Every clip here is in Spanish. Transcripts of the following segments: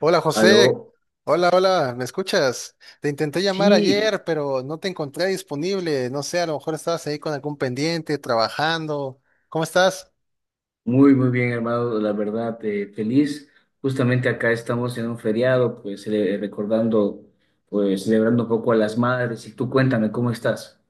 Hola José, Aló, hola, hola, ¿me escuchas? Te intenté llamar sí, ayer, pero no te encontré disponible. No sé, a lo mejor estabas ahí con algún pendiente, trabajando. ¿Cómo estás? muy, muy bien, hermano, la verdad, feliz. Justamente acá estamos en un feriado, pues recordando, pues celebrando un poco a las madres. Y tú cuéntame, ¿cómo estás?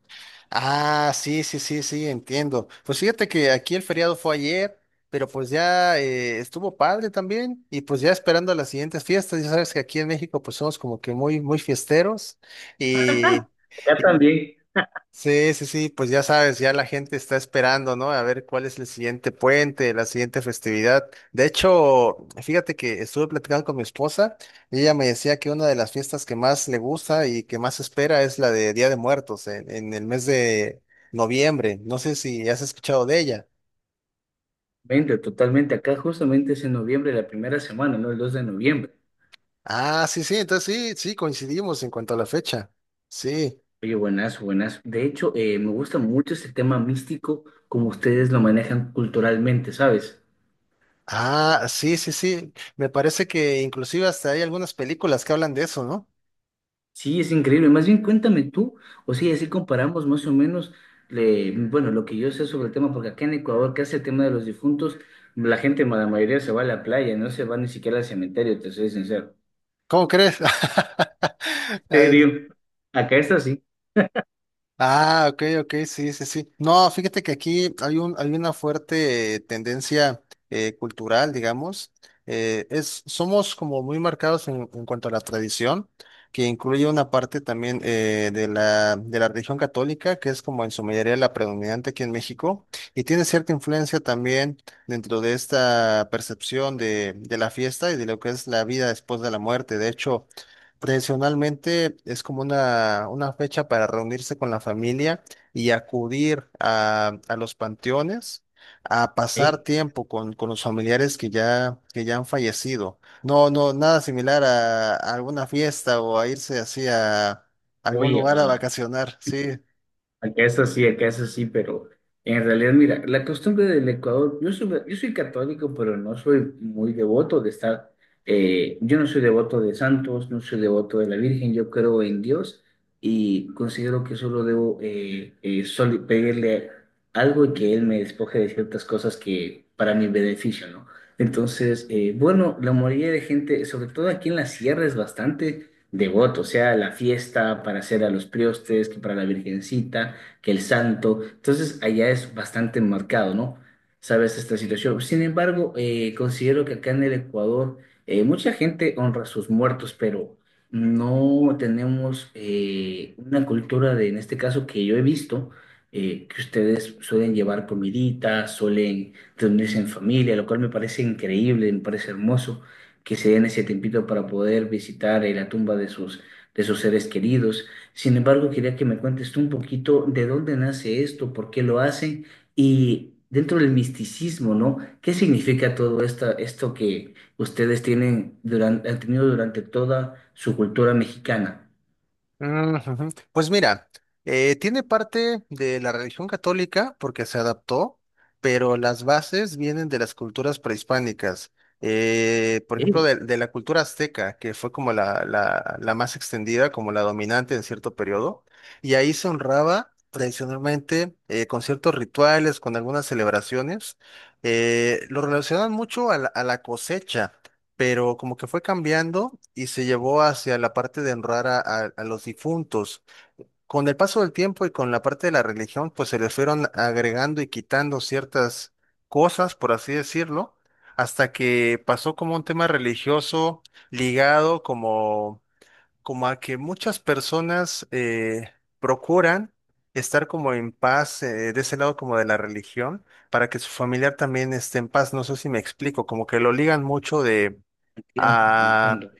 Ah, sí, sí, sí, sí, entiendo. Pues fíjate que aquí el feriado fue ayer, pero pues ya estuvo padre también y pues ya esperando las siguientes fiestas. Ya sabes que aquí en México pues somos como que muy, muy fiesteros y... Acá y- también, Sí, sí, sí, pues ya sabes, ya la gente está esperando, ¿no? A ver cuál es el siguiente puente, la siguiente festividad. De hecho, fíjate que estuve platicando con mi esposa y ella me decía que una de las fiestas que más le gusta y que más espera es la de Día de Muertos en el mes de noviembre. No sé si has escuchado de ella. vente, totalmente. Acá justamente es en noviembre, la primera semana, ¿no? El 2 de noviembre. Ah, sí, sí, entonces sí, sí, coincidimos en cuanto a la fecha. Sí. Oye, buenazo, buenazo. De hecho, me gusta mucho este tema místico, como ustedes lo manejan culturalmente, ¿sabes? Ah, sí, sí, sí. Me parece que inclusive hasta hay algunas películas que hablan de eso, ¿no? Sí, es increíble. Más bien, cuéntame tú, o sea, y así comparamos más o menos, bueno, lo que yo sé sobre el tema, porque acá en Ecuador, que hace el tema de los difuntos, la gente, la mayoría se va a la playa, no se va ni siquiera al cementerio, te soy sincero. ¿Cómo crees? ¿En Es- serio? Acá está así. Ah, ok, ok, sí, sí, sí. No, fíjate que aquí hay un, hay una fuerte tendencia cultural, digamos. Es, somos como muy marcados en cuanto a la tradición, que incluye una parte también de la religión católica, que es como en su mayoría la predominante aquí en México, y tiene cierta influencia también dentro de esta percepción de la fiesta y de lo que es la vida después de la muerte. De hecho, tradicionalmente es como una fecha para reunirse con la familia y acudir a los panteones a pasar ¿Eh? tiempo con los familiares que ya han fallecido. No, no, nada similar a alguna fiesta o a irse así a algún Oye, lugar a vacacionar, sí. acá es así, acá es así, pero en realidad, mira, la costumbre del Ecuador, yo soy católico, pero no soy muy devoto de estar, yo no soy devoto de santos, no soy devoto de la Virgen, yo creo en Dios y considero que solo debo solo pedirle algo y que Él me despoje de ciertas cosas que para mi beneficio, ¿no? Entonces, bueno, la mayoría de gente, sobre todo aquí en la sierra, es bastante devoto, o sea, la fiesta para hacer a los priostes, que para la Virgencita que el santo. Entonces, allá es bastante marcado, ¿no? Sabes esta situación. Sin embargo, considero que acá en el Ecuador mucha gente honra a sus muertos, pero no tenemos una cultura de, en este caso, que yo he visto, que ustedes suelen llevar comiditas, suelen reunirse en familia, lo cual me parece increíble, me parece hermoso que se den ese tiempito para poder visitar la tumba de sus seres queridos. Sin embargo, quería que me cuentes tú un poquito de dónde nace esto, por qué lo hacen y dentro del misticismo, ¿no? ¿Qué significa esto que ustedes tienen durante, han tenido durante toda su cultura mexicana? Mm, ujú. Pues mira, tiene parte de la religión católica porque se adaptó, pero las bases vienen de las culturas prehispánicas. Por ejemplo, Sí, de la cultura azteca, que fue como la más extendida, como la dominante en cierto periodo, y ahí se honraba tradicionalmente con ciertos rituales, con algunas celebraciones. Lo relacionan mucho a la cosecha, pero como que fue cambiando y se llevó hacia la parte de honrar a los difuntos. Con el paso del tiempo y con la parte de la religión, pues se les fueron agregando y quitando ciertas cosas, por así decirlo, hasta que pasó como un tema religioso ligado como, como a que muchas personas procuran estar como en paz de ese lado como de la religión para que su familiar también esté en paz. No sé si me explico, como que lo ligan mucho de... entiendo, Ah, entiendo.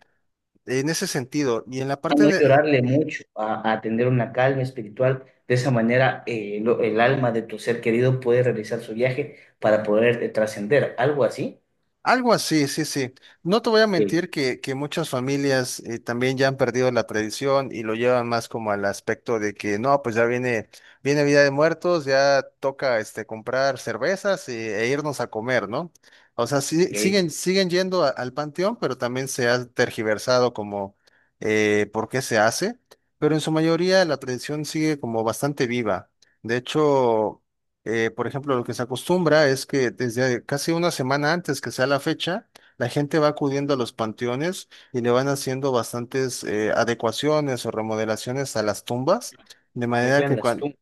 en ese sentido, y en la A parte no de llorarle mucho, a tener una calma espiritual. De esa manera, el alma de tu ser querido puede realizar su viaje para poder trascender. ¿Algo así? algo así, sí, sí. No te voy a Ok, mentir que muchas familias también ya han perdido la tradición y lo llevan más como al aspecto de que no, pues ya viene, viene Vida de Muertos, ya toca este comprar cervezas e, e irnos a comer, ¿no? O sea, ok. siguen, siguen yendo al panteón, pero también se ha tergiversado como por qué se hace, pero en su mayoría la tradición sigue como bastante viva. De hecho, por ejemplo, lo que se acostumbra es que desde casi una semana antes que sea la fecha, la gente va acudiendo a los panteones y le van haciendo bastantes adecuaciones o remodelaciones a las tumbas, de manera Arreglan que las tumbas.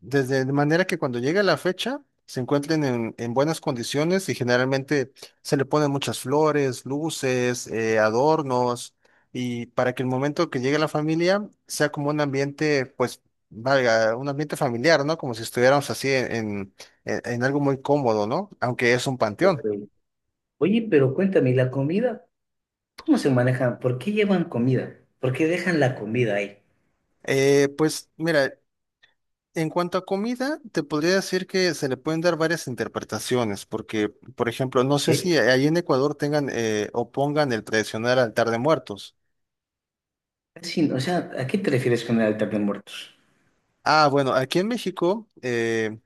desde de manera que cuando llegue la fecha se encuentren en buenas condiciones y generalmente se le ponen muchas flores, luces, adornos y para que el momento que llegue la familia sea como un ambiente, pues, valga, un ambiente familiar, ¿no? Como si estuviéramos así en, en algo muy cómodo, ¿no? Aunque es un Ok. panteón. Oye, pero cuéntame, ¿y la comida? ¿Cómo se manejan? ¿Por qué llevan comida? ¿Por qué dejan la comida ahí? Pues mira, en cuanto a comida, te podría decir que se le pueden dar varias interpretaciones, porque, por ejemplo, no sé ¿Eh? si ahí en Ecuador tengan o pongan el tradicional altar de muertos. O sea, ¿a qué te refieres con el altar de muertos? Ah, bueno, aquí en México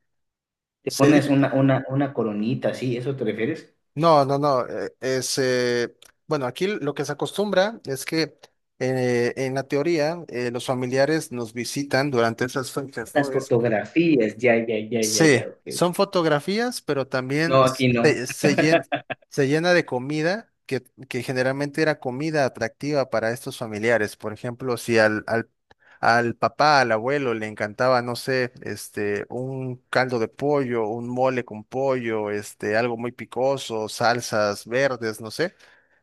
¿Te se pones di- una coronita así? ¿Eso te refieres? no, no, no. Bueno, aquí lo que se acostumbra es que en la teoría los familiares nos visitan durante esas fechas, ¿no? Las fotografías, ya, ya, ya, ya, Sí, ya. Ok, ok. son fotografías, pero también No, aquí no. se, Ok, se llen- se llena de comida que generalmente era comida atractiva para estos familiares. Por ejemplo, si al papá, al abuelo le encantaba, no sé, este, un caldo de pollo, un mole con pollo, este, algo muy picoso, salsas verdes, no sé.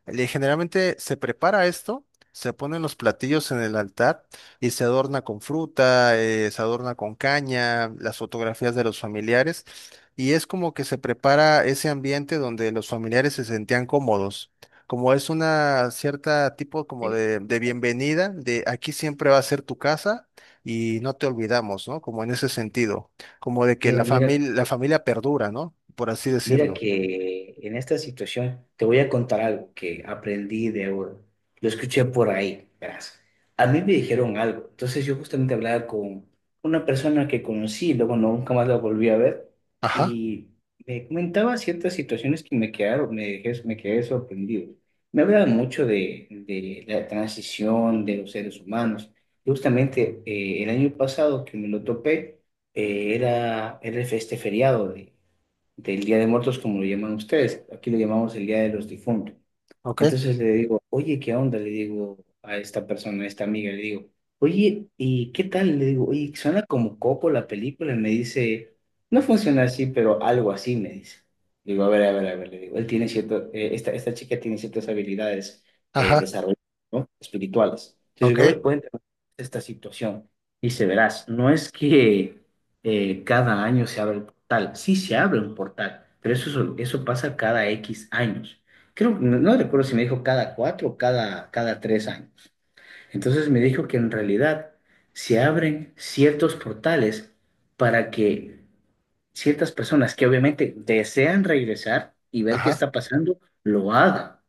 Generalmente se prepara esto, se ponen los platillos en el altar y se adorna con fruta, se adorna con caña, las fotografías de los familiares. Y es como que se prepara ese ambiente donde los familiares se sentían cómodos. Como es una cierta tipo como de entiendo. bienvenida, de aquí siempre va a ser tu casa y no te olvidamos, ¿no? Como en ese sentido, como de que Mira, mira, la familia perdura, ¿no? Por así mira decirlo. que en esta situación te voy a contar algo que aprendí de oro. Lo escuché por ahí, verás. A mí me dijeron algo. Entonces yo justamente hablaba con una persona que conocí, luego no, nunca más la volví a ver Ajá, y me comentaba ciertas situaciones que me quedaron, me quedé sorprendido. Me hablaba mucho de la transición de los seres humanos. Justamente el año pasado que me lo topé, era este feriado de del Día de Muertos, como lo llaman ustedes. Aquí lo llamamos el Día de los Difuntos. ok, Entonces le digo, oye, ¿qué onda? Le digo a esta persona, a esta amiga, le digo, oye, ¿y qué tal? Le digo, oye, suena como copo la película. Y me dice, no funciona así, pero algo así, me dice. Digo, a ver, a ver, a ver, le digo, él tiene cierto, esta chica tiene ciertas habilidades ajá, desarrolladas, ¿no? Espirituales. Entonces ok, digo, a ver, cuéntame esta situación. Dice, verás, no es que cada año se abre el portal. Sí se abre un portal, pero eso pasa cada X años creo, no, no recuerdo si me dijo cada cuatro o cada tres años. Entonces me dijo que en realidad se abren ciertos portales para que ciertas personas que obviamente desean regresar y ver qué ajá, está pasando, lo hagan.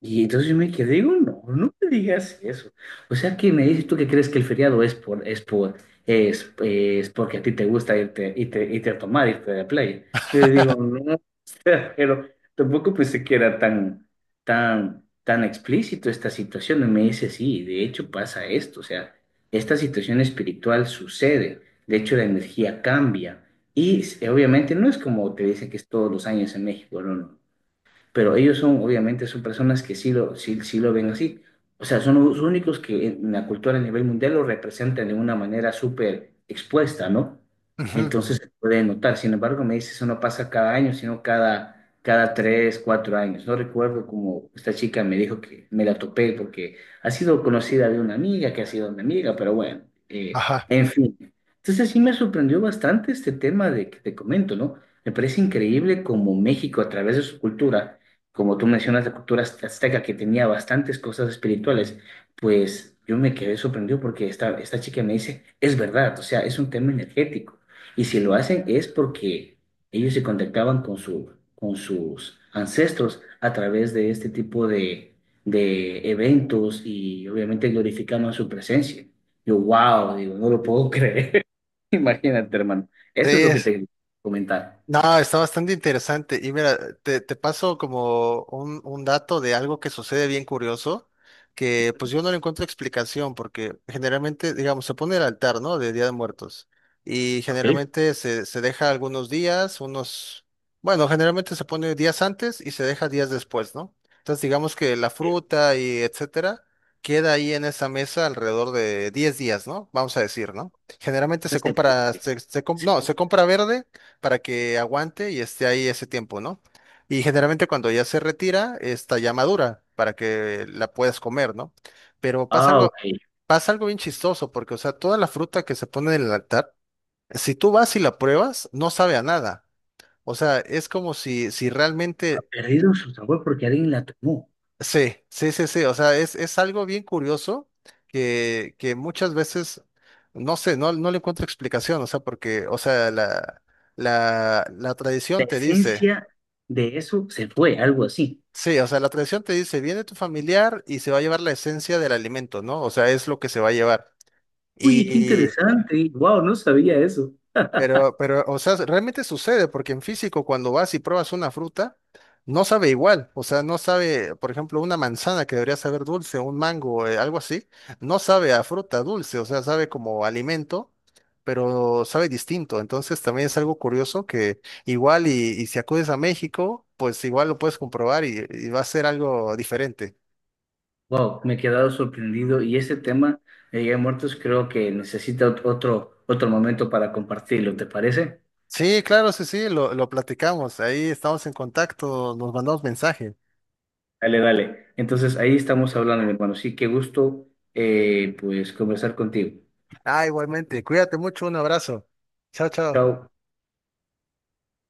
Y entonces yo me quedé, digo, no, no me digas eso. O sea, que me dices tú que crees que el feriado es es porque a ti te gusta irte a tomar, irte de playa. Yo le digo, no, pero tampoco pensé que era tan, tan, tan explícito esta situación. Y me dice, sí, de hecho pasa esto. O sea, esta situación espiritual sucede. De hecho, la energía cambia. Obviamente no es como te dicen que es todos los años en México, no, no, pero ellos son, obviamente, son personas que sí lo ven así. O sea, son los únicos que en la cultura a nivel mundial lo representan de una manera súper expuesta, ¿no? ujú, Entonces se puede notar. Sin embargo, me dice, eso no pasa cada año, sino cada tres, cuatro años. No recuerdo cómo esta chica me dijo que me la topé porque ha sido conocida de una amiga que ha sido mi amiga, pero bueno, ajá. en fin. Entonces sí me sorprendió bastante este tema de que te comento, ¿no? Me parece increíble cómo México, a través de su cultura, como tú mencionas, la cultura azteca que tenía bastantes cosas espirituales, pues yo me quedé sorprendido porque esta chica me dice, es verdad, o sea, es un tema energético. Y si lo hacen es porque ellos se contactaban con su, con sus ancestros a través de este tipo de eventos y obviamente glorificaban su presencia. Yo, wow, digo, no lo puedo creer. Imagínate, hermano. Eso es lo que Sí, te quería comentar. no, está bastante interesante. Y mira, te paso como un dato de algo que sucede bien curioso, que pues yo no le encuentro explicación, porque generalmente, digamos, se pone el altar, ¿no? De Día de Muertos. Y ¿Ok? generalmente se deja algunos días, unos, bueno, generalmente se pone días antes y se deja días después, ¿no? Entonces, digamos que la fruta y etcétera queda ahí en esa mesa alrededor de 10 días, ¿no? Vamos a decir, ¿no? Generalmente O sea, se se compra, puede, se no, se puede. compra verde para que aguante y esté ahí ese tiempo, ¿no? Y generalmente cuando ya se retira, está ya madura para que la puedas comer, ¿no? Pero Ah, ok. pasa algo bien chistoso, porque, o sea, toda la fruta que se pone en el altar, si tú vas y la pruebas, no sabe a nada. O sea, es como si, si Ha realmente, perdido su sabor porque alguien la tomó. sí, sí, sí, sí, o sea, es algo bien curioso que muchas veces, no sé, no, no le encuentro explicación, o sea, porque, o sea, la La tradición te dice... esencia de eso se fue, algo así. Sí, o sea, la tradición te dice, viene tu familiar y se va a llevar la esencia del alimento, ¿no? O sea, es lo que se va a llevar. Uy, qué Y, interesante. Wow, no sabía eso. Pero, o sea, realmente sucede, porque en físico, cuando vas y pruebas una fruta, no sabe igual. O sea, no sabe, por ejemplo, una manzana que debería saber dulce, un mango, algo así, no sabe a fruta dulce, o sea, sabe como alimento, pero sabe distinto. Entonces, también es algo curioso que igual y si acudes a México, pues igual lo puedes comprobar y va a ser algo diferente. Wow, me he quedado sorprendido y ese tema de Día de Muertos creo que necesita otro, otro momento para compartirlo, ¿te parece? Sí, claro, sí, sí, lo platicamos. Ahí estamos en contacto, nos mandamos mensaje. Dale, dale. Entonces ahí estamos hablando, mi hermano. Sí, qué gusto pues conversar contigo. Ah, igualmente, cuídate mucho, un abrazo. Chao, chao. Chao.